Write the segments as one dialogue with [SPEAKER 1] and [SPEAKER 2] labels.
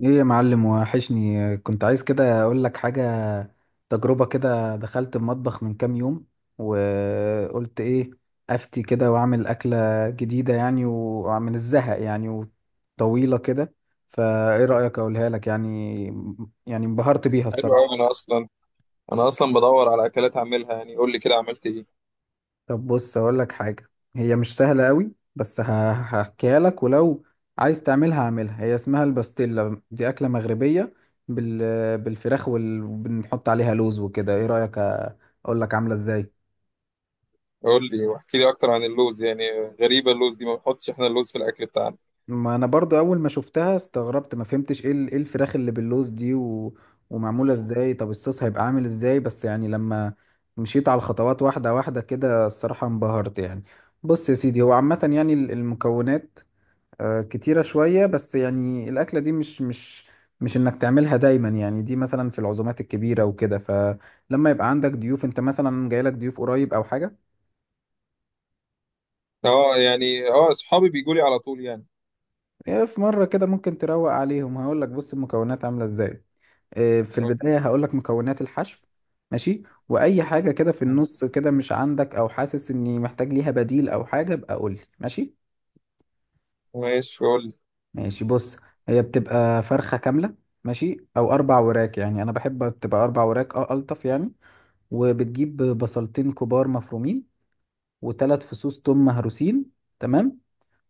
[SPEAKER 1] ايه يا معلم، وحشني. كنت عايز كده اقول لك حاجة. تجربة كده، دخلت المطبخ من كام يوم وقلت ايه، افتي كده واعمل اكلة جديدة يعني، ومن الزهق يعني وطويلة كده. فايه رأيك اقولها لك يعني؟ يعني انبهرت بيها
[SPEAKER 2] حلو قوي.
[SPEAKER 1] الصراحة.
[SPEAKER 2] انا اصلا بدور على اكلات اعملها، يعني قول لي كده عملت ايه؟
[SPEAKER 1] طب بص اقول لك حاجه. هي مش سهله قوي، بس هحكيها لك، ولو عايز تعملها هعملها. هي اسمها الباستيلا، دي اكله مغربيه بالفراخ، وال... وبنحط عليها لوز وكده. ايه رايك اقول لك عامله ازاي؟
[SPEAKER 2] قول لي واحكي لي اكتر عن اللوز يعني. غريبه اللوز دي، ما بنحطش احنا اللوز في الاكل بتاعنا.
[SPEAKER 1] ما انا برضو اول ما شفتها استغربت، ما فهمتش ايه ايه الفراخ اللي باللوز دي ومعموله ازاي، طب الصوص هيبقى عامل ازاي. بس يعني لما مشيت على الخطوات واحده واحده كده، الصراحه انبهرت يعني. بص يا سيدي، هو عامه يعني المكونات كتيرة شوية، بس يعني الأكلة دي مش إنك تعملها دايما يعني. دي مثلا في العزومات الكبيرة وكده، فلما يبقى عندك ضيوف، أنت مثلا جايلك ضيوف قريب أو حاجة.
[SPEAKER 2] اه، يعني اه، اصحابي بيجوا لي على طول يعني.
[SPEAKER 1] في مرة كده ممكن تروق عليهم. هقولك بص المكونات عاملة إزاي. في
[SPEAKER 2] قول لي.
[SPEAKER 1] البداية هقولك مكونات الحشو. ماشي، وأي حاجة كده في النص كده مش عندك، أو حاسس إني محتاج ليها بديل أو حاجة، ابقى قولي. ماشي،
[SPEAKER 2] ماشي، قول لي.
[SPEAKER 1] ماشي، بص. هي بتبقى فرخة كاملة، ماشي، أو أربع وراك. يعني أنا بحب تبقى أربع وراك، أه ألطف يعني. وبتجيب بصلتين كبار مفرومين، و3 فصوص توم مهروسين، تمام،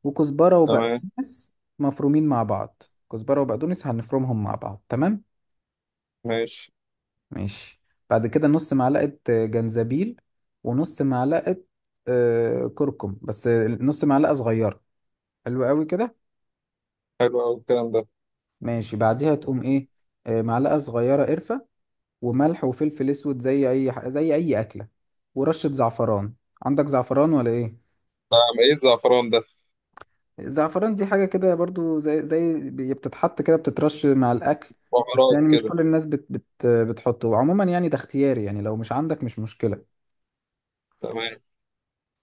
[SPEAKER 1] وكزبرة
[SPEAKER 2] تمام.
[SPEAKER 1] وبقدونس مفرومين مع بعض. كزبرة وبقدونس هنفرمهم مع بعض، تمام.
[SPEAKER 2] ماشي.
[SPEAKER 1] ماشي. بعد كده نص معلقة جنزبيل، ونص معلقة كركم، بس نص معلقة صغيرة. حلو قوي كده.
[SPEAKER 2] حلو قوي الكلام ده.
[SPEAKER 1] ماشي، بعديها تقوم ايه، معلقة صغيرة قرفة، وملح وفلفل اسود زي اي زي اي اكلة، ورشة زعفران. عندك زعفران ولا ايه؟
[SPEAKER 2] ده ايه الزعفران ده؟
[SPEAKER 1] زعفران دي حاجة كده برضو، زي بتتحط كده، بتترش مع الأكل، بس
[SPEAKER 2] بهارات
[SPEAKER 1] يعني مش
[SPEAKER 2] كده؟
[SPEAKER 1] كل الناس بت بت بتحطه. وعموما يعني ده اختياري يعني، لو مش عندك مش مشكلة.
[SPEAKER 2] تمام.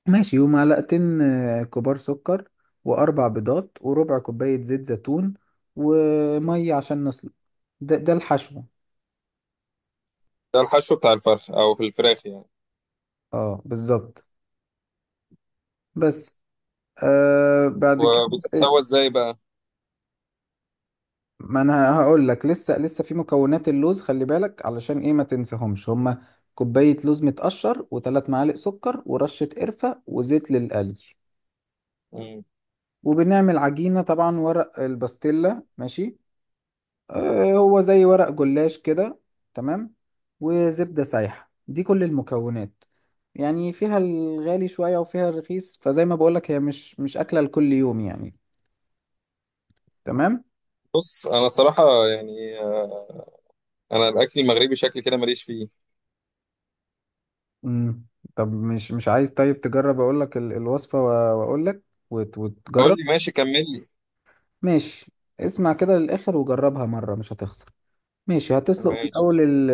[SPEAKER 1] ماشي. ومعلقتين كبار سكر، و4 بيضات، وربع كوباية زيت زيتون، ومية عشان نسلق. ده ده الحشو.
[SPEAKER 2] ده الحشو بتاع الفرخ او في الفراخ يعني؟
[SPEAKER 1] اه بالظبط. بس. آه بعد كده،
[SPEAKER 2] وبتتسوى ازاي بقى؟
[SPEAKER 1] ما انا هقول لك. لسه لسه في مكونات اللوز، خلي بالك علشان ايه ما تنساهمش هما. كوباية لوز متقشر، و3 معالق سكر، ورشة قرفة، وزيت للقلي.
[SPEAKER 2] مم.
[SPEAKER 1] وبنعمل عجينة طبعا، ورق الباستيلا، ماشي، آه هو زي ورق جلاش كده، تمام، وزبدة سايحة. دي كل المكونات يعني. فيها الغالي شوية وفيها الرخيص، فزي ما بقولك هي مش مش أكلة لكل يوم يعني. تمام.
[SPEAKER 2] بص، انا صراحه يعني انا الاكل المغربي شكل كده ماليش فيه.
[SPEAKER 1] مم. طب مش مش عايز؟ طيب تجرب. اقول لك الوصفة واقول لك،
[SPEAKER 2] قول
[SPEAKER 1] وتجرب.
[SPEAKER 2] لي، ماشي، كمل لي.
[SPEAKER 1] ماشي. اسمع كده للاخر وجربها مرة، مش هتخسر. ماشي، هتسلق في
[SPEAKER 2] ماشي.
[SPEAKER 1] الاول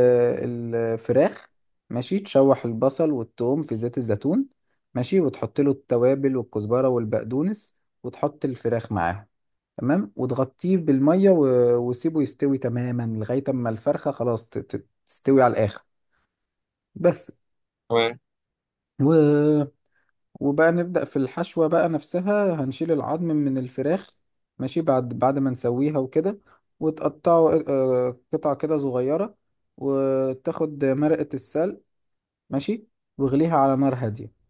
[SPEAKER 1] الفراخ. ماشي، تشوح البصل والثوم في زيت الزيتون. ماشي، وتحط له التوابل والكزبرة والبقدونس، وتحط الفراخ معاهم، تمام. وتغطيه بالمية وسيبه يستوي تماما لغاية اما الفرخة خلاص تستوي على الاخر. بس.
[SPEAKER 2] تمام.
[SPEAKER 1] وبقى نبدأ في الحشوة بقى نفسها. هنشيل العظم من الفراخ، ماشي، بعد ما نسويها وكده، وتقطعه قطع كده صغيرة، وتاخد مرقة السلق، ماشي، واغليها على نار هادية،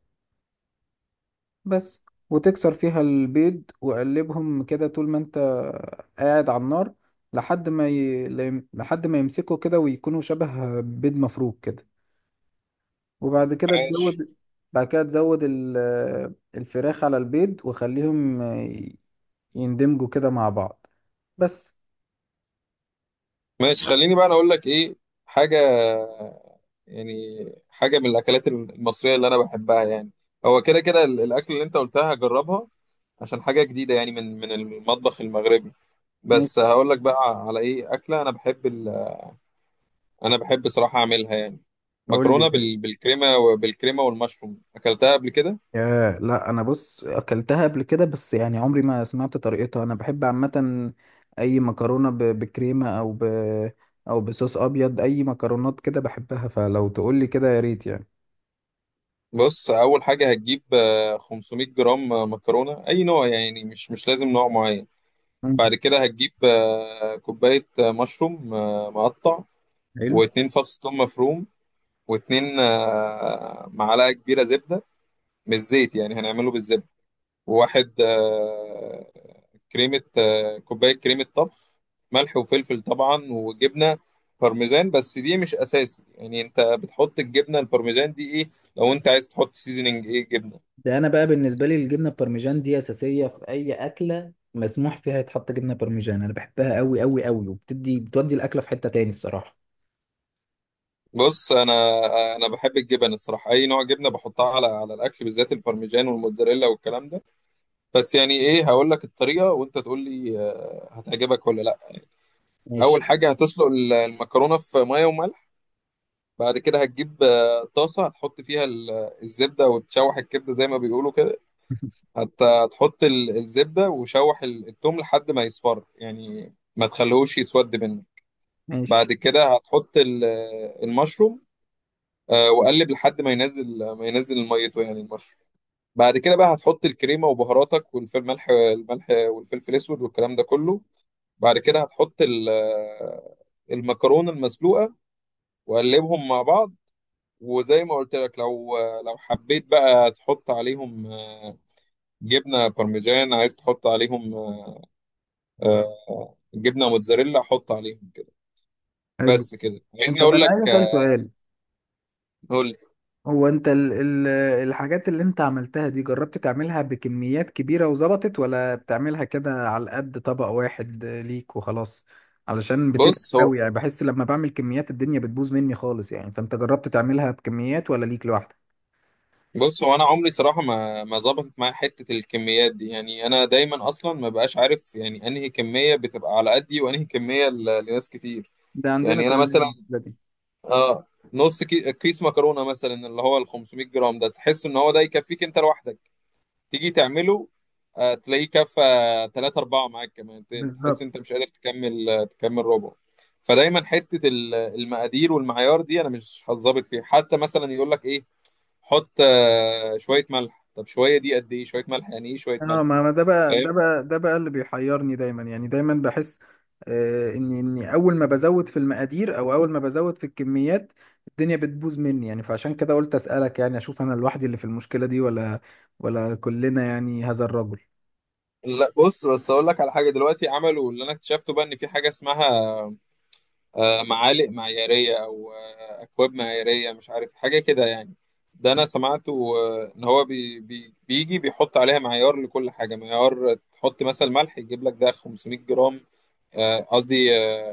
[SPEAKER 1] بس، وتكسر فيها البيض وقلبهم كده طول ما انت قاعد على النار، لحد ما لحد ما يمسكوا كده ويكونوا شبه بيض مفروك كده. وبعد كده
[SPEAKER 2] ماشي.
[SPEAKER 1] تزود، بعد كده تزود الفراخ على البيض، وخليهم يندمجوا كده مع بعض. بس.
[SPEAKER 2] ماشي، خليني بقى انا اقول لك ايه حاجه يعني. حاجه من الاكلات المصريه اللي انا بحبها يعني. هو كده كده الاكل اللي انت قلتها هجربها، عشان حاجه جديده يعني من المطبخ المغربي.
[SPEAKER 1] ماشي،
[SPEAKER 2] بس هقول لك بقى على ايه اكله. انا بحب انا بحب صراحه اعملها يعني،
[SPEAKER 1] قول لي
[SPEAKER 2] مكرونه
[SPEAKER 1] إيه؟
[SPEAKER 2] بالكريمه والمشروم، اكلتها قبل كده.
[SPEAKER 1] ياه، لا انا بص اكلتها قبل كده، بس يعني عمري ما سمعت طريقتها. انا بحب عامه اي مكرونه بكريمه، او بصوص ابيض. اي مكرونات كده بحبها، فلو تقول لي كده يا ريت يعني.
[SPEAKER 2] بص، اول حاجه هتجيب 500 جرام مكرونه، اي نوع يعني مش لازم نوع معين.
[SPEAKER 1] مم.
[SPEAKER 2] بعد كده هتجيب كوباية مشروم مقطع.
[SPEAKER 1] حلو
[SPEAKER 2] واتنين فص ثوم مفروم، واتنين معلقة كبيرة زبدة، مش زيت يعني، هنعمله بالزبدة. وواحد كريمة كوباية كريمة طبخ. ملح وفلفل طبعا، وجبنة بارميزان، بس دي مش أساسي يعني. أنت بتحط الجبنة البارميزان دي إيه، لو أنت عايز تحط سيزنينج إيه جبنة.
[SPEAKER 1] ده. انا بقى بالنسبه لي الجبنه البارميجان دي اساسيه في اي اكله مسموح فيها يتحط جبنه بارميجان. انا بحبها قوي قوي قوي، وبتدي بتودي الاكله في حته تاني الصراحه.
[SPEAKER 2] بص، أنا بحب الجبن الصراحة، أي نوع جبنة بحطها على الأكل، بالذات البارميجان والموتزاريلا والكلام ده. بس يعني ايه، هقول لك الطريقه وانت تقول لي هتعجبك ولا لا.
[SPEAKER 1] ماشي.
[SPEAKER 2] اول حاجه هتسلق المكرونه في ميه وملح. بعد كده هتجيب طاسه، هتحط فيها الزبده وتشوح الكبده زي ما بيقولوا كده. هتحط الزبده، وشوح التوم لحد ما يصفر يعني، ما تخليهوش يسود منك.
[SPEAKER 1] ماشي.
[SPEAKER 2] بعد كده هتحط المشروم. وقلب لحد ما ينزل ميته، يعني المشروم. بعد كده بقى هتحط الكريمه وبهاراتك والفلفل، الملح والفلفل الاسود والكلام ده كله. بعد كده هتحط المكرونة المسلوقة، وقلبهم مع بعض. وزي ما قلت لك، لو حبيت بقى تحط عليهم جبنة بارميجان، عايز تحط عليهم آه، جبنة موتزاريلا، حط عليهم كده.
[SPEAKER 1] حلو.
[SPEAKER 2] بس كده.
[SPEAKER 1] انت
[SPEAKER 2] عايزني
[SPEAKER 1] بقى،
[SPEAKER 2] اقول
[SPEAKER 1] انا عايز
[SPEAKER 2] لك
[SPEAKER 1] اسالك سؤال.
[SPEAKER 2] قول لي.
[SPEAKER 1] هو انت ال ال الحاجات اللي انت عملتها دي، جربت تعملها بكميات كبيرة وظبطت؟ ولا بتعملها كده على قد طبق واحد ليك وخلاص؟ علشان بتفرق
[SPEAKER 2] بص هو
[SPEAKER 1] قوي يعني. بحس لما بعمل كميات الدنيا بتبوظ مني خالص يعني. فانت جربت تعملها بكميات ولا ليك لوحدك؟
[SPEAKER 2] بص هو انا عمري صراحة ما ظبطت معايا حتة الكميات دي، يعني انا دايما اصلا ما بقاش عارف يعني انهي كمية بتبقى على قدي وانهي كمية لناس كتير.
[SPEAKER 1] ده عندنا
[SPEAKER 2] يعني انا مثلا،
[SPEAKER 1] كلنا.
[SPEAKER 2] اه نص كيس مكرونه مثلا، اللي هو ال 500 جرام ده، تحس ان هو ده يكفيك انت لوحدك. تيجي تعمله تلاقيه كفى 3 4 معاك كمان، تحس
[SPEAKER 1] بالظبط.
[SPEAKER 2] انت مش قادر تكمل، تكمل ربع. فدايما حته المقادير والمعيار دي، انا مش هتظبط فيها. حتى مثلا يقول لك ايه، حط شويه ملح. طب شويه دي قد ايه؟ شويه ملح يعني ايه شويه
[SPEAKER 1] اه، ما
[SPEAKER 2] ملح؟
[SPEAKER 1] ما ده بقى،
[SPEAKER 2] فاهم.
[SPEAKER 1] ده بقى، ده بقى اللي بيحيرني دايما يعني. دايما بحس آه اني اول ما بزود في المقادير، او اول ما بزود في الكميات، الدنيا بتبوظ مني يعني. فعشان كده قلت اسالك يعني، اشوف انا لوحدي اللي في المشكله دي ولا كلنا يعني، هذا الرجل.
[SPEAKER 2] لا، بص، بس اقول لك على حاجه. دلوقتي عملوا، اللي انا اكتشفته بقى، ان في حاجه اسمها معالق معيارية، أو أكواب معيارية، مش عارف حاجة كده يعني. ده أنا سمعته، إن هو بي بي بيجي بيحط عليها معيار لكل حاجة. معيار تحط مثلا ملح، يجيب لك ده 500 جرام، قصدي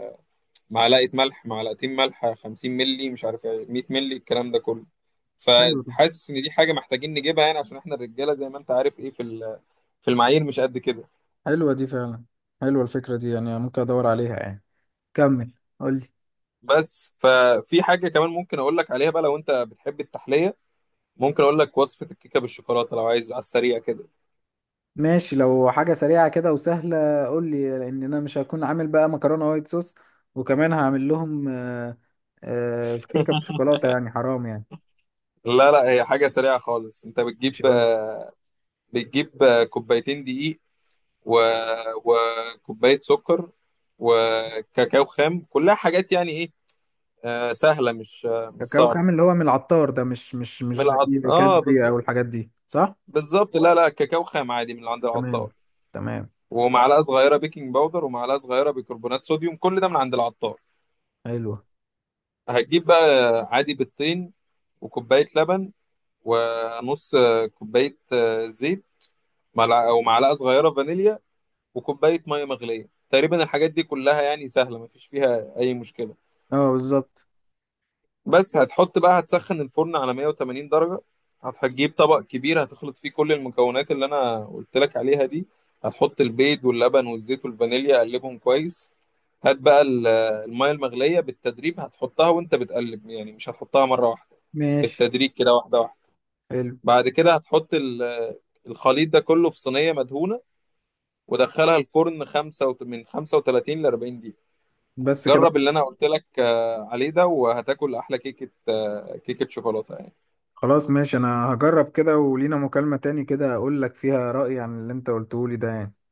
[SPEAKER 2] معلقة ملح، معلقتين ملح، 50 ملي، مش عارف إيه، 100 ملي، الكلام ده كله.
[SPEAKER 1] حلو ده.
[SPEAKER 2] فحاسس إن دي حاجة محتاجين نجيبها يعني، عشان إحنا الرجالة زي ما أنت عارف إيه، في المعايير مش قد كده.
[SPEAKER 1] حلوه دي فعلا. حلوه الفكره دي يعني، ممكن ادور عليها يعني. كمل، قول لي.
[SPEAKER 2] بس ففي حاجة كمان ممكن أقول لك عليها بقى، لو أنت بتحب التحلية، ممكن اقول لك وصفة الكيكة بالشوكولاتة لو عايز على السريع كده.
[SPEAKER 1] ماشي، لو حاجة سريعة كده وسهلة قول لي، لأن أنا مش هكون عامل بقى مكرونة وايت صوص، وكمان هعمل لهم كيكة بالشوكولاتة يعني حرام يعني.
[SPEAKER 2] لا لا، هي حاجة سريعة خالص. انت
[SPEAKER 1] ماشي قول لي.
[SPEAKER 2] بتجيب كوبايتين دقيق و... وكوباية سكر وكاكاو خام. كلها حاجات يعني ايه، سهلة، مش
[SPEAKER 1] كاكاو
[SPEAKER 2] صعبة.
[SPEAKER 1] خام اللي هو من العطار ده، مش مش
[SPEAKER 2] من
[SPEAKER 1] مش
[SPEAKER 2] العط...
[SPEAKER 1] زي
[SPEAKER 2] اه
[SPEAKER 1] كادري
[SPEAKER 2] بز...
[SPEAKER 1] أو الحاجات دي، صح؟
[SPEAKER 2] بالظبط، لا لا، كاكاو خام عادي من عند
[SPEAKER 1] تمام.
[SPEAKER 2] العطار.
[SPEAKER 1] تمام.
[SPEAKER 2] ومعلقة صغيرة بيكنج باودر، ومعلقة صغيرة بيكربونات صوديوم، كل ده من عند العطار.
[SPEAKER 1] حلوة.
[SPEAKER 2] هتجيب بقى عادي بيضتين، وكوباية لبن، ونص كوباية زيت، أو معلقة صغيرة فانيليا، وكوباية مية مغلية تقريبا. الحاجات دي كلها يعني سهلة، مفيش فيها أي مشكلة.
[SPEAKER 1] اه بالظبط.
[SPEAKER 2] بس هتحط بقى. هتسخن الفرن على 180 درجة. هتجيب طبق كبير، هتخلط فيه كل المكونات اللي أنا قلت لك عليها دي. هتحط البيض واللبن والزيت والفانيليا، قلبهم كويس. هات بقى المية المغلية بالتدريج، هتحطها وأنت بتقلب يعني، مش هتحطها مرة واحدة.
[SPEAKER 1] ماشي.
[SPEAKER 2] بالتدريج كده، واحدة واحدة.
[SPEAKER 1] حلو.
[SPEAKER 2] بعد كده هتحط الخليط ده كله في صينية مدهونة، ودخلها الفرن من 35 ل 40 دقيقة.
[SPEAKER 1] بس كده.
[SPEAKER 2] جرب اللي انا قلت لك عليه ده، وهتاكل احلى كيكة شوكولاتة يعني.
[SPEAKER 1] خلاص ماشي، أنا هجرب كده، ولينا مكالمة تاني كده أقول لك فيها رأيي عن اللي أنت قلته لي ده يعني.